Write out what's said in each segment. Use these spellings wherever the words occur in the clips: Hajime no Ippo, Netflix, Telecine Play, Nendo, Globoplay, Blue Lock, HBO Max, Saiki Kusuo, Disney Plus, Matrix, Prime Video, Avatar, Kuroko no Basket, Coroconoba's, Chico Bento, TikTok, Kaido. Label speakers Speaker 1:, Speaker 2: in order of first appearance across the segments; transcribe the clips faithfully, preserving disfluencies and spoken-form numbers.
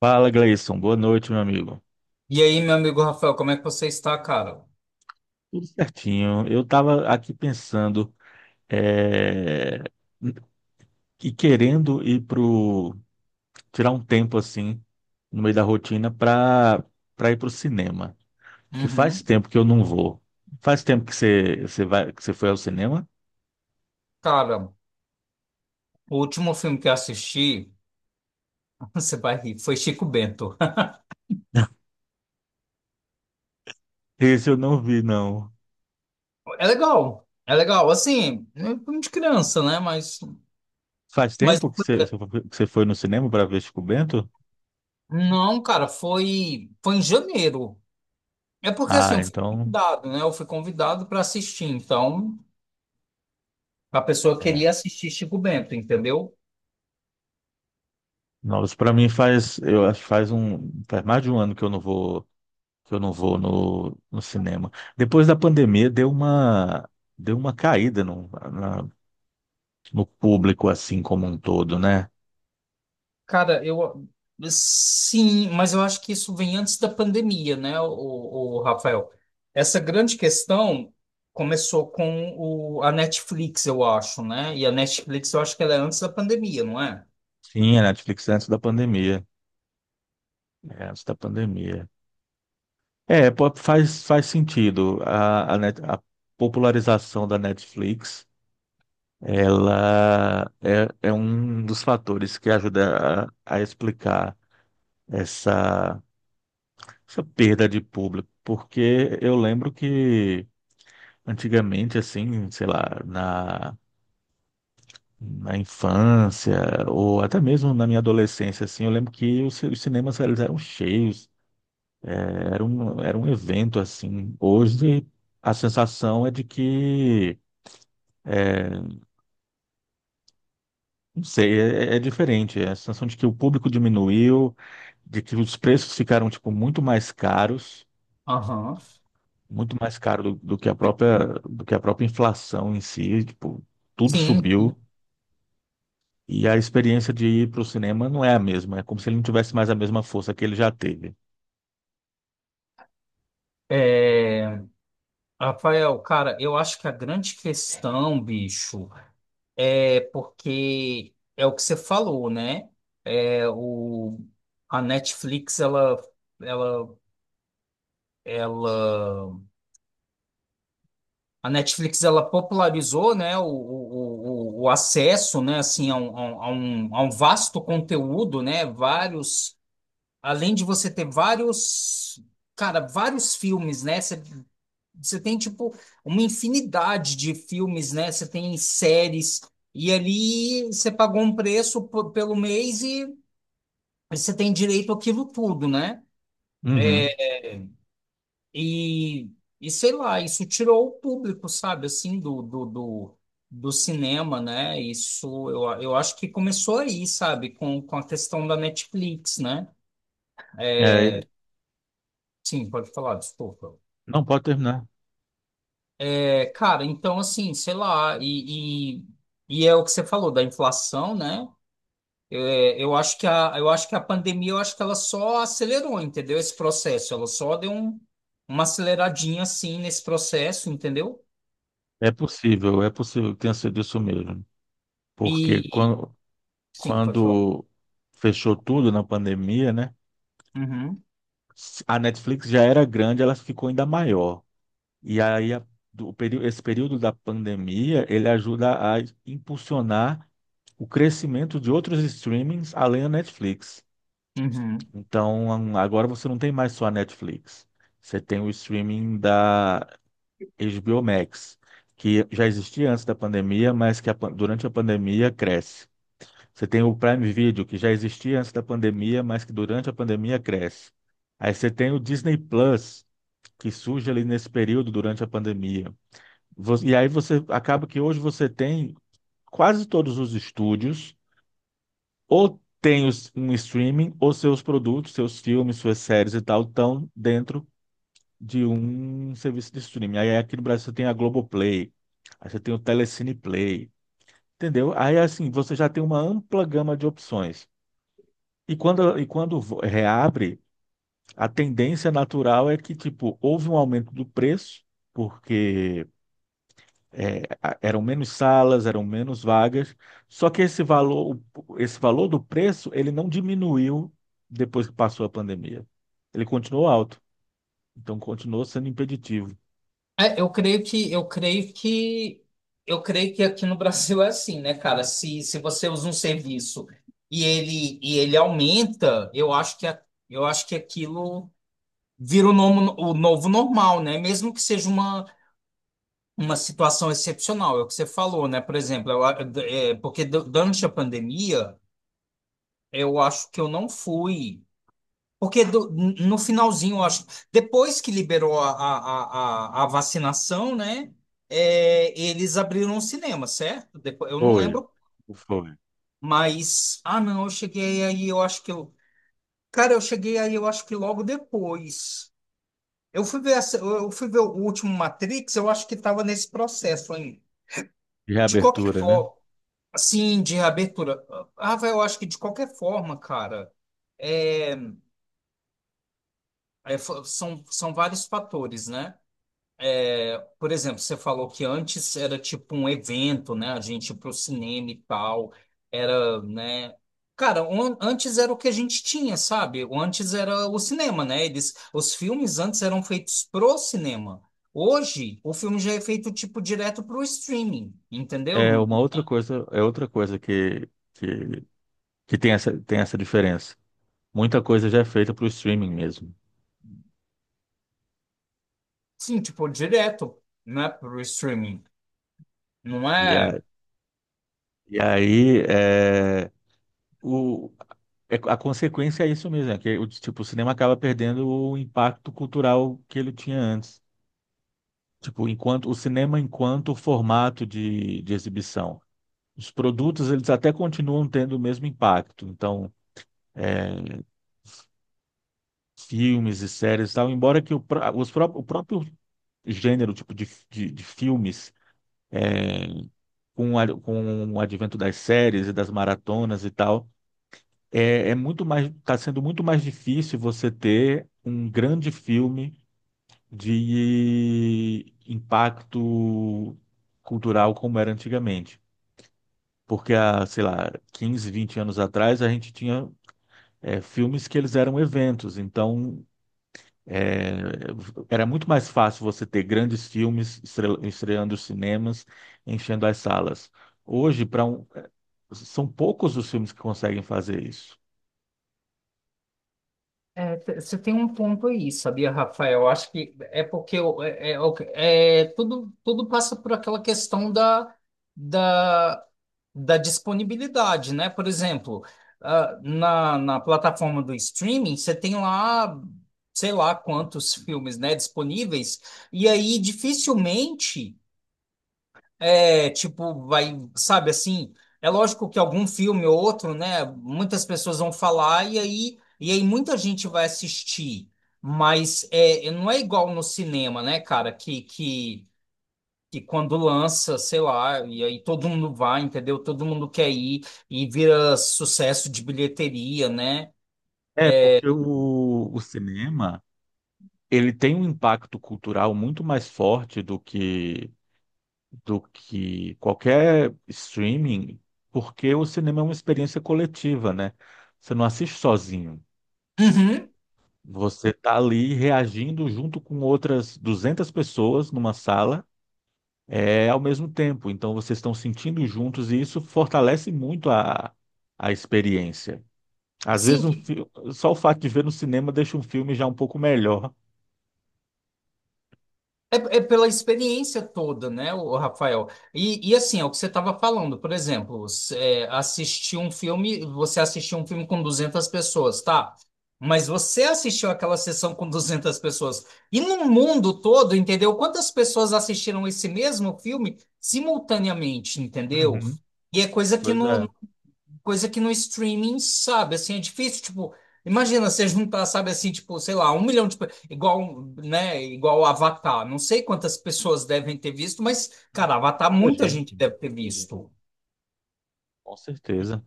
Speaker 1: Fala, Gleison. Boa noite, meu amigo.
Speaker 2: E aí, meu amigo Rafael, como é que você está, cara?
Speaker 1: Tudo certinho. Eu estava aqui pensando, é, e querendo ir pro tirar um tempo assim no meio da rotina para para ir pro cinema, porque faz
Speaker 2: Uhum.
Speaker 1: tempo que eu não vou. Faz tempo que você você vai que você foi ao cinema?
Speaker 2: Cara, o último filme que eu assisti, você vai rir, foi Chico Bento.
Speaker 1: Esse eu não vi, não.
Speaker 2: É legal, é legal, assim, é um filme de criança, né? Mas,
Speaker 1: Faz
Speaker 2: mas
Speaker 1: tempo que você que você foi no cinema para ver Chico Bento?
Speaker 2: não, cara, foi, foi em janeiro. É porque, assim,
Speaker 1: Ah,
Speaker 2: eu fui
Speaker 1: então,
Speaker 2: convidado, né? Eu fui convidado para assistir, então a pessoa queria
Speaker 1: é.
Speaker 2: assistir Chico Bento, entendeu?
Speaker 1: Nossa, para mim faz eu acho que faz um faz mais de um ano que eu não vou que eu não vou no, no cinema. Depois da pandemia deu uma deu uma caída no, na- no público assim como um todo, né?
Speaker 2: Cara, eu sim, mas eu acho que isso vem antes da pandemia, né, o, o Rafael? Essa grande questão começou com o, a Netflix, eu acho, né? E a Netflix, eu acho que ela é antes da pandemia, não é?
Speaker 1: Sim, a Netflix antes da pandemia, é, antes da pandemia. É, pô, faz faz sentido a, a, net- a popularização da Netflix. Ela é, é um dos fatores que ajuda a, a explicar essa, essa perda de público, porque eu lembro que antigamente, assim, sei lá, na, na infância ou até mesmo na minha adolescência, assim, eu lembro que os, ci- os cinemas eles eram cheios, eh, era um, era um evento, assim. Hoje, a sensação é de que, é, não sei, é, é é diferente. É a sensação de que o público diminuiu, de que os preços ficaram, tipo, muito mais caros,
Speaker 2: Aham.
Speaker 1: muito mais caro do, do que a própria, do que a própria inflação em si, tipo, tudo
Speaker 2: Sim.
Speaker 1: subiu. E a experiência de ir para o cinema não é a mesma. É como se ele não tivesse mais a mesma força que ele já teve.
Speaker 2: É, Rafael, cara, eu acho que a grande questão, bicho, é porque é o que você falou, né? É o, a Netflix, ela, ela, ela A Netflix ela popularizou, né, o, o, o o acesso, né, assim, a um, a um, a um a um vasto conteúdo, né, vários, além de você ter vários, cara, vários filmes, né, você você tem, tipo, uma infinidade de filmes, né, você tem séries, e ali você pagou um preço por- pelo mês e você tem direito àquilo tudo, né?
Speaker 1: Uhum.
Speaker 2: E, e sei lá, isso tirou o público, sabe, assim, do, do, do, do cinema, né? Isso, eu, eu acho que começou aí, sabe, com, com a questão da Netflix, né?
Speaker 1: É,
Speaker 2: Sim, pode falar, desculpa.
Speaker 1: não pode terminar.
Speaker 2: É, cara, então, assim, sei lá, e, e, e é o que você falou da inflação, né? É, eu acho que a, eu acho que a pandemia, eu acho que ela só acelerou, entendeu? Esse processo, ela só deu um, uma aceleradinha, assim, nesse processo, entendeu?
Speaker 1: É possível, é possível que tenha sido isso mesmo. Porque
Speaker 2: E,
Speaker 1: quando,
Speaker 2: sim, pode falar.
Speaker 1: quando fechou tudo na pandemia, né?
Speaker 2: Uhum.
Speaker 1: A Netflix já era grande, ela ficou ainda maior. E aí a- do período, esse período da pandemia, ele ajuda a impulsionar o crescimento de outros streamings além da Netflix.
Speaker 2: Uhum.
Speaker 1: Então, agora você não tem mais só a Netflix. Você tem o streaming da H B O Max, que já existia antes da pandemia, mas que a pan- durante a pandemia cresce. Você tem o Prime Video, que já existia antes da pandemia, mas que durante a pandemia cresce. Aí você tem o Disney Plus, que surge ali nesse período durante a pandemia. Vo- E aí você acaba que hoje você tem quase todos os estúdios ou tem os- um streaming, ou seus produtos, seus filmes, suas séries e tal, estão dentro de um serviço de streaming. Aí aqui no Brasil você tem a Globoplay, aí você tem o Telecine Play, entendeu? Aí assim, você já tem uma ampla gama de opções. E quando, e quando vo- reabre, a tendência natural é que, tipo, houve um aumento do preço, porque é, a- eram menos salas, eram menos vagas, só que esse valor, o- esse valor do preço, ele não diminuiu depois que passou a pandemia. Ele continuou alto, então continuou sendo impeditivo.
Speaker 2: É, eu creio que eu creio que eu creio que aqui no Brasil é assim, né, cara? Se, se você usa um serviço e ele e ele aumenta, eu acho que a- eu acho que aquilo vira o novo, o novo normal, né? Mesmo que seja uma uma situação excepcional, é o que você falou, né? Por exemplo, eu a- é, porque du- durante a pandemia, eu acho que eu não fui. Porque do- no finalzinho, eu acho, depois que liberou a, a, a, a vacinação, né? É, eles abriram o cinema, certo? Depois, eu não
Speaker 1: Foi,
Speaker 2: lembro,
Speaker 1: foi.
Speaker 2: mas. Ah, não, eu cheguei aí, eu acho que eu. Cara, eu cheguei aí, eu acho que logo depois. Eu fui ver, essa- eu fui ver o último Matrix, eu acho que estava nesse processo ainda. De qualquer
Speaker 1: Reabertura, né?
Speaker 2: forma, assim, de reabertura. Ah, vai, eu acho que de qualquer forma, cara, é, é, fo- são, são vários fatores, né? Por exemplo, você falou que antes era tipo um evento, né? A gente ia pro cinema e tal. Era, né? Cara, um- antes era o que a gente tinha, sabe? O antes era o cinema, né? Eles, os filmes antes eram feitos pro cinema. Hoje, o filme já é feito tipo direto pro streaming, entendeu?
Speaker 1: É uma outra coisa, é outra coisa que, que, que tem essa, tem essa diferença. Muita coisa já é feita para o streaming mesmo.
Speaker 2: Sim, tipo direto, né? Pro streaming. Não
Speaker 1: E, a,
Speaker 2: é?
Speaker 1: e aí, é, o, é- a consequência é isso mesmo, é que o, tipo, o cinema acaba perdendo o impacto cultural que ele tinha antes. Tipo, enquanto o cinema enquanto formato de, de exibição. Os produtos, eles até continuam tendo o mesmo impacto. Então, filmes e séries e tal, embora que o, pró- os, pró- o próprio gênero, tipo, de, de, de filmes, com, a- com o advento das séries e das maratonas e tal, é, é muito mais, está sendo muito mais difícil você ter um grande filme de impacto cultural como era antigamente. Porque há, sei lá, quinze, vinte anos atrás, a gente tinha é, filmes que eles eram eventos. Então, é, era muito mais fácil você ter grandes filmes estre- estreando os cinemas, enchendo as salas. Hoje, para um, é, são poucos os filmes que conseguem fazer isso.
Speaker 2: É, te- você tem um ponto aí, sabia, Rafael? Eu acho que é porque o- é, é o- é, tudo, tudo passa por aquela questão da, da da disponibilidade, né? Por exemplo, ah, na, na plataforma do streaming, você tem lá, sei lá quantos filmes, né, disponíveis, e aí dificilmente. É, tipo, vai, sabe assim, é lógico que algum filme ou outro, né, muitas pessoas vão falar e aí, e aí muita gente vai assistir, mas é, não é igual no cinema, né, cara, que, que, que quando lança, sei lá, e aí todo mundo vai, entendeu? Todo mundo quer ir e vira sucesso de bilheteria, né?
Speaker 1: É, porque o, o cinema, ele tem um impacto cultural muito mais forte do que do que qualquer streaming, porque o cinema é uma experiência coletiva, né? Você não assiste sozinho.
Speaker 2: Uhum.
Speaker 1: Você tá ali reagindo junto com outras duzentas pessoas numa sala, é ao mesmo tempo. Então vocês estão sentindo juntos e isso fortalece muito a, a experiência. Às vezes
Speaker 2: Sim,
Speaker 1: um fi- só o fato de ver no cinema deixa um filme já um pouco melhor.
Speaker 2: É, é pela experiência toda, né, o Rafael? E, e assim, é o que você estava falando, por exemplo, s- é, assistir um filme, você assistiu um filme com duzentas pessoas, tá? Mas você assistiu aquela sessão com duzentas pessoas. E no mundo todo, entendeu? Quantas pessoas assistiram esse mesmo filme simultaneamente, entendeu?
Speaker 1: Uhum.
Speaker 2: E é coisa que
Speaker 1: Pois
Speaker 2: não,
Speaker 1: é.
Speaker 2: coisa que no streaming, sabe, assim, é difícil, tipo, imagina você juntar, sabe, assim, tipo, sei lá, um milhão de, pe- igual, né, igual Avatar, não sei quantas pessoas devem ter visto, mas,
Speaker 1: Nossa,
Speaker 2: cara, Avatar
Speaker 1: muita
Speaker 2: muita
Speaker 1: gente,
Speaker 2: gente deve ter
Speaker 1: muita gente.
Speaker 2: visto,
Speaker 1: Com certeza.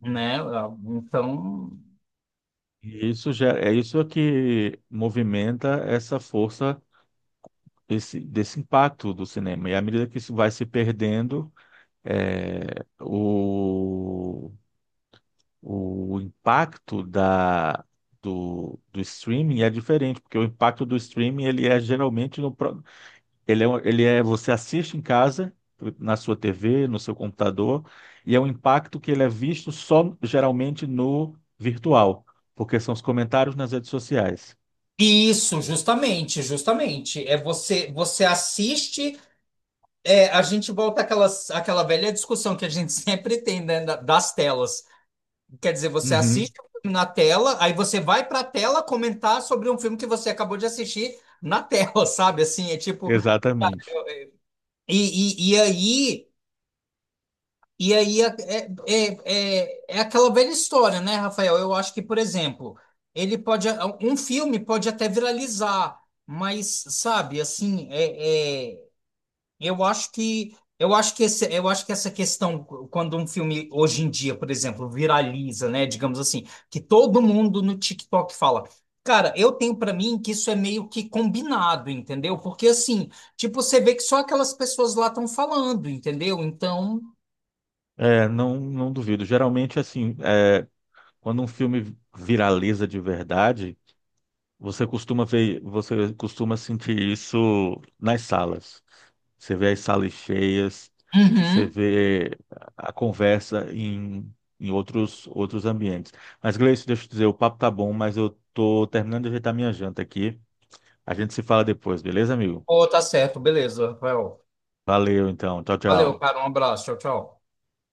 Speaker 2: né, ah, então...
Speaker 1: E isso gera, é isso é que movimenta essa força desse, desse impacto do cinema. E à medida que isso vai se perdendo, é, o, o impacto da, do, do streaming é diferente, porque o impacto do streaming ele é geralmente no, pró- ele é, um- ele é você assiste em casa, na sua tê vê, no seu computador, e é um impacto que ele é visto só geralmente no virtual, porque são os comentários nas redes sociais.
Speaker 2: Isso, justamente, justamente. É você, você assiste, é, a gente volta àquela, àquela velha discussão que a gente sempre tem, né, da- das telas. Quer dizer, você
Speaker 1: Uhum,
Speaker 2: assiste o filme na tela, aí você vai pra tela comentar sobre um filme que você acabou de assistir na tela, sabe? Assim, é tipo.
Speaker 1: exatamente.
Speaker 2: E, e, e aí. E aí é, é, é, é é aquela velha história, né, Rafael? Eu acho que, por exemplo, ele pode. Um filme pode até viralizar, mas, sabe, assim, é, é, Eu acho que eu acho que esse, eu acho que essa questão quando um filme hoje em dia, por exemplo, viraliza, né, digamos assim, que todo mundo no TikTok fala. Cara, eu tenho pra mim que isso é meio que combinado, entendeu? Porque assim, tipo, você vê que só aquelas pessoas lá estão falando, entendeu? Então,
Speaker 1: É, não, não duvido. Geralmente, assim, é, quando um filme viraliza de verdade, você costuma ver, você costuma sentir isso nas salas. Você vê as salas cheias, você
Speaker 2: uhum.
Speaker 1: vê a conversa em, em outros, outros ambientes. Mas, Gleice, deixa eu te dizer, o papo tá bom, mas eu tô terminando de ajeitar minha janta aqui. A gente se fala depois, beleza, amigo?
Speaker 2: Pô, tá certo, beleza, Rafael.
Speaker 1: Valeu, então. Tchau,
Speaker 2: Valeu,
Speaker 1: tchau.
Speaker 2: cara, um abraço, tchau, tchau.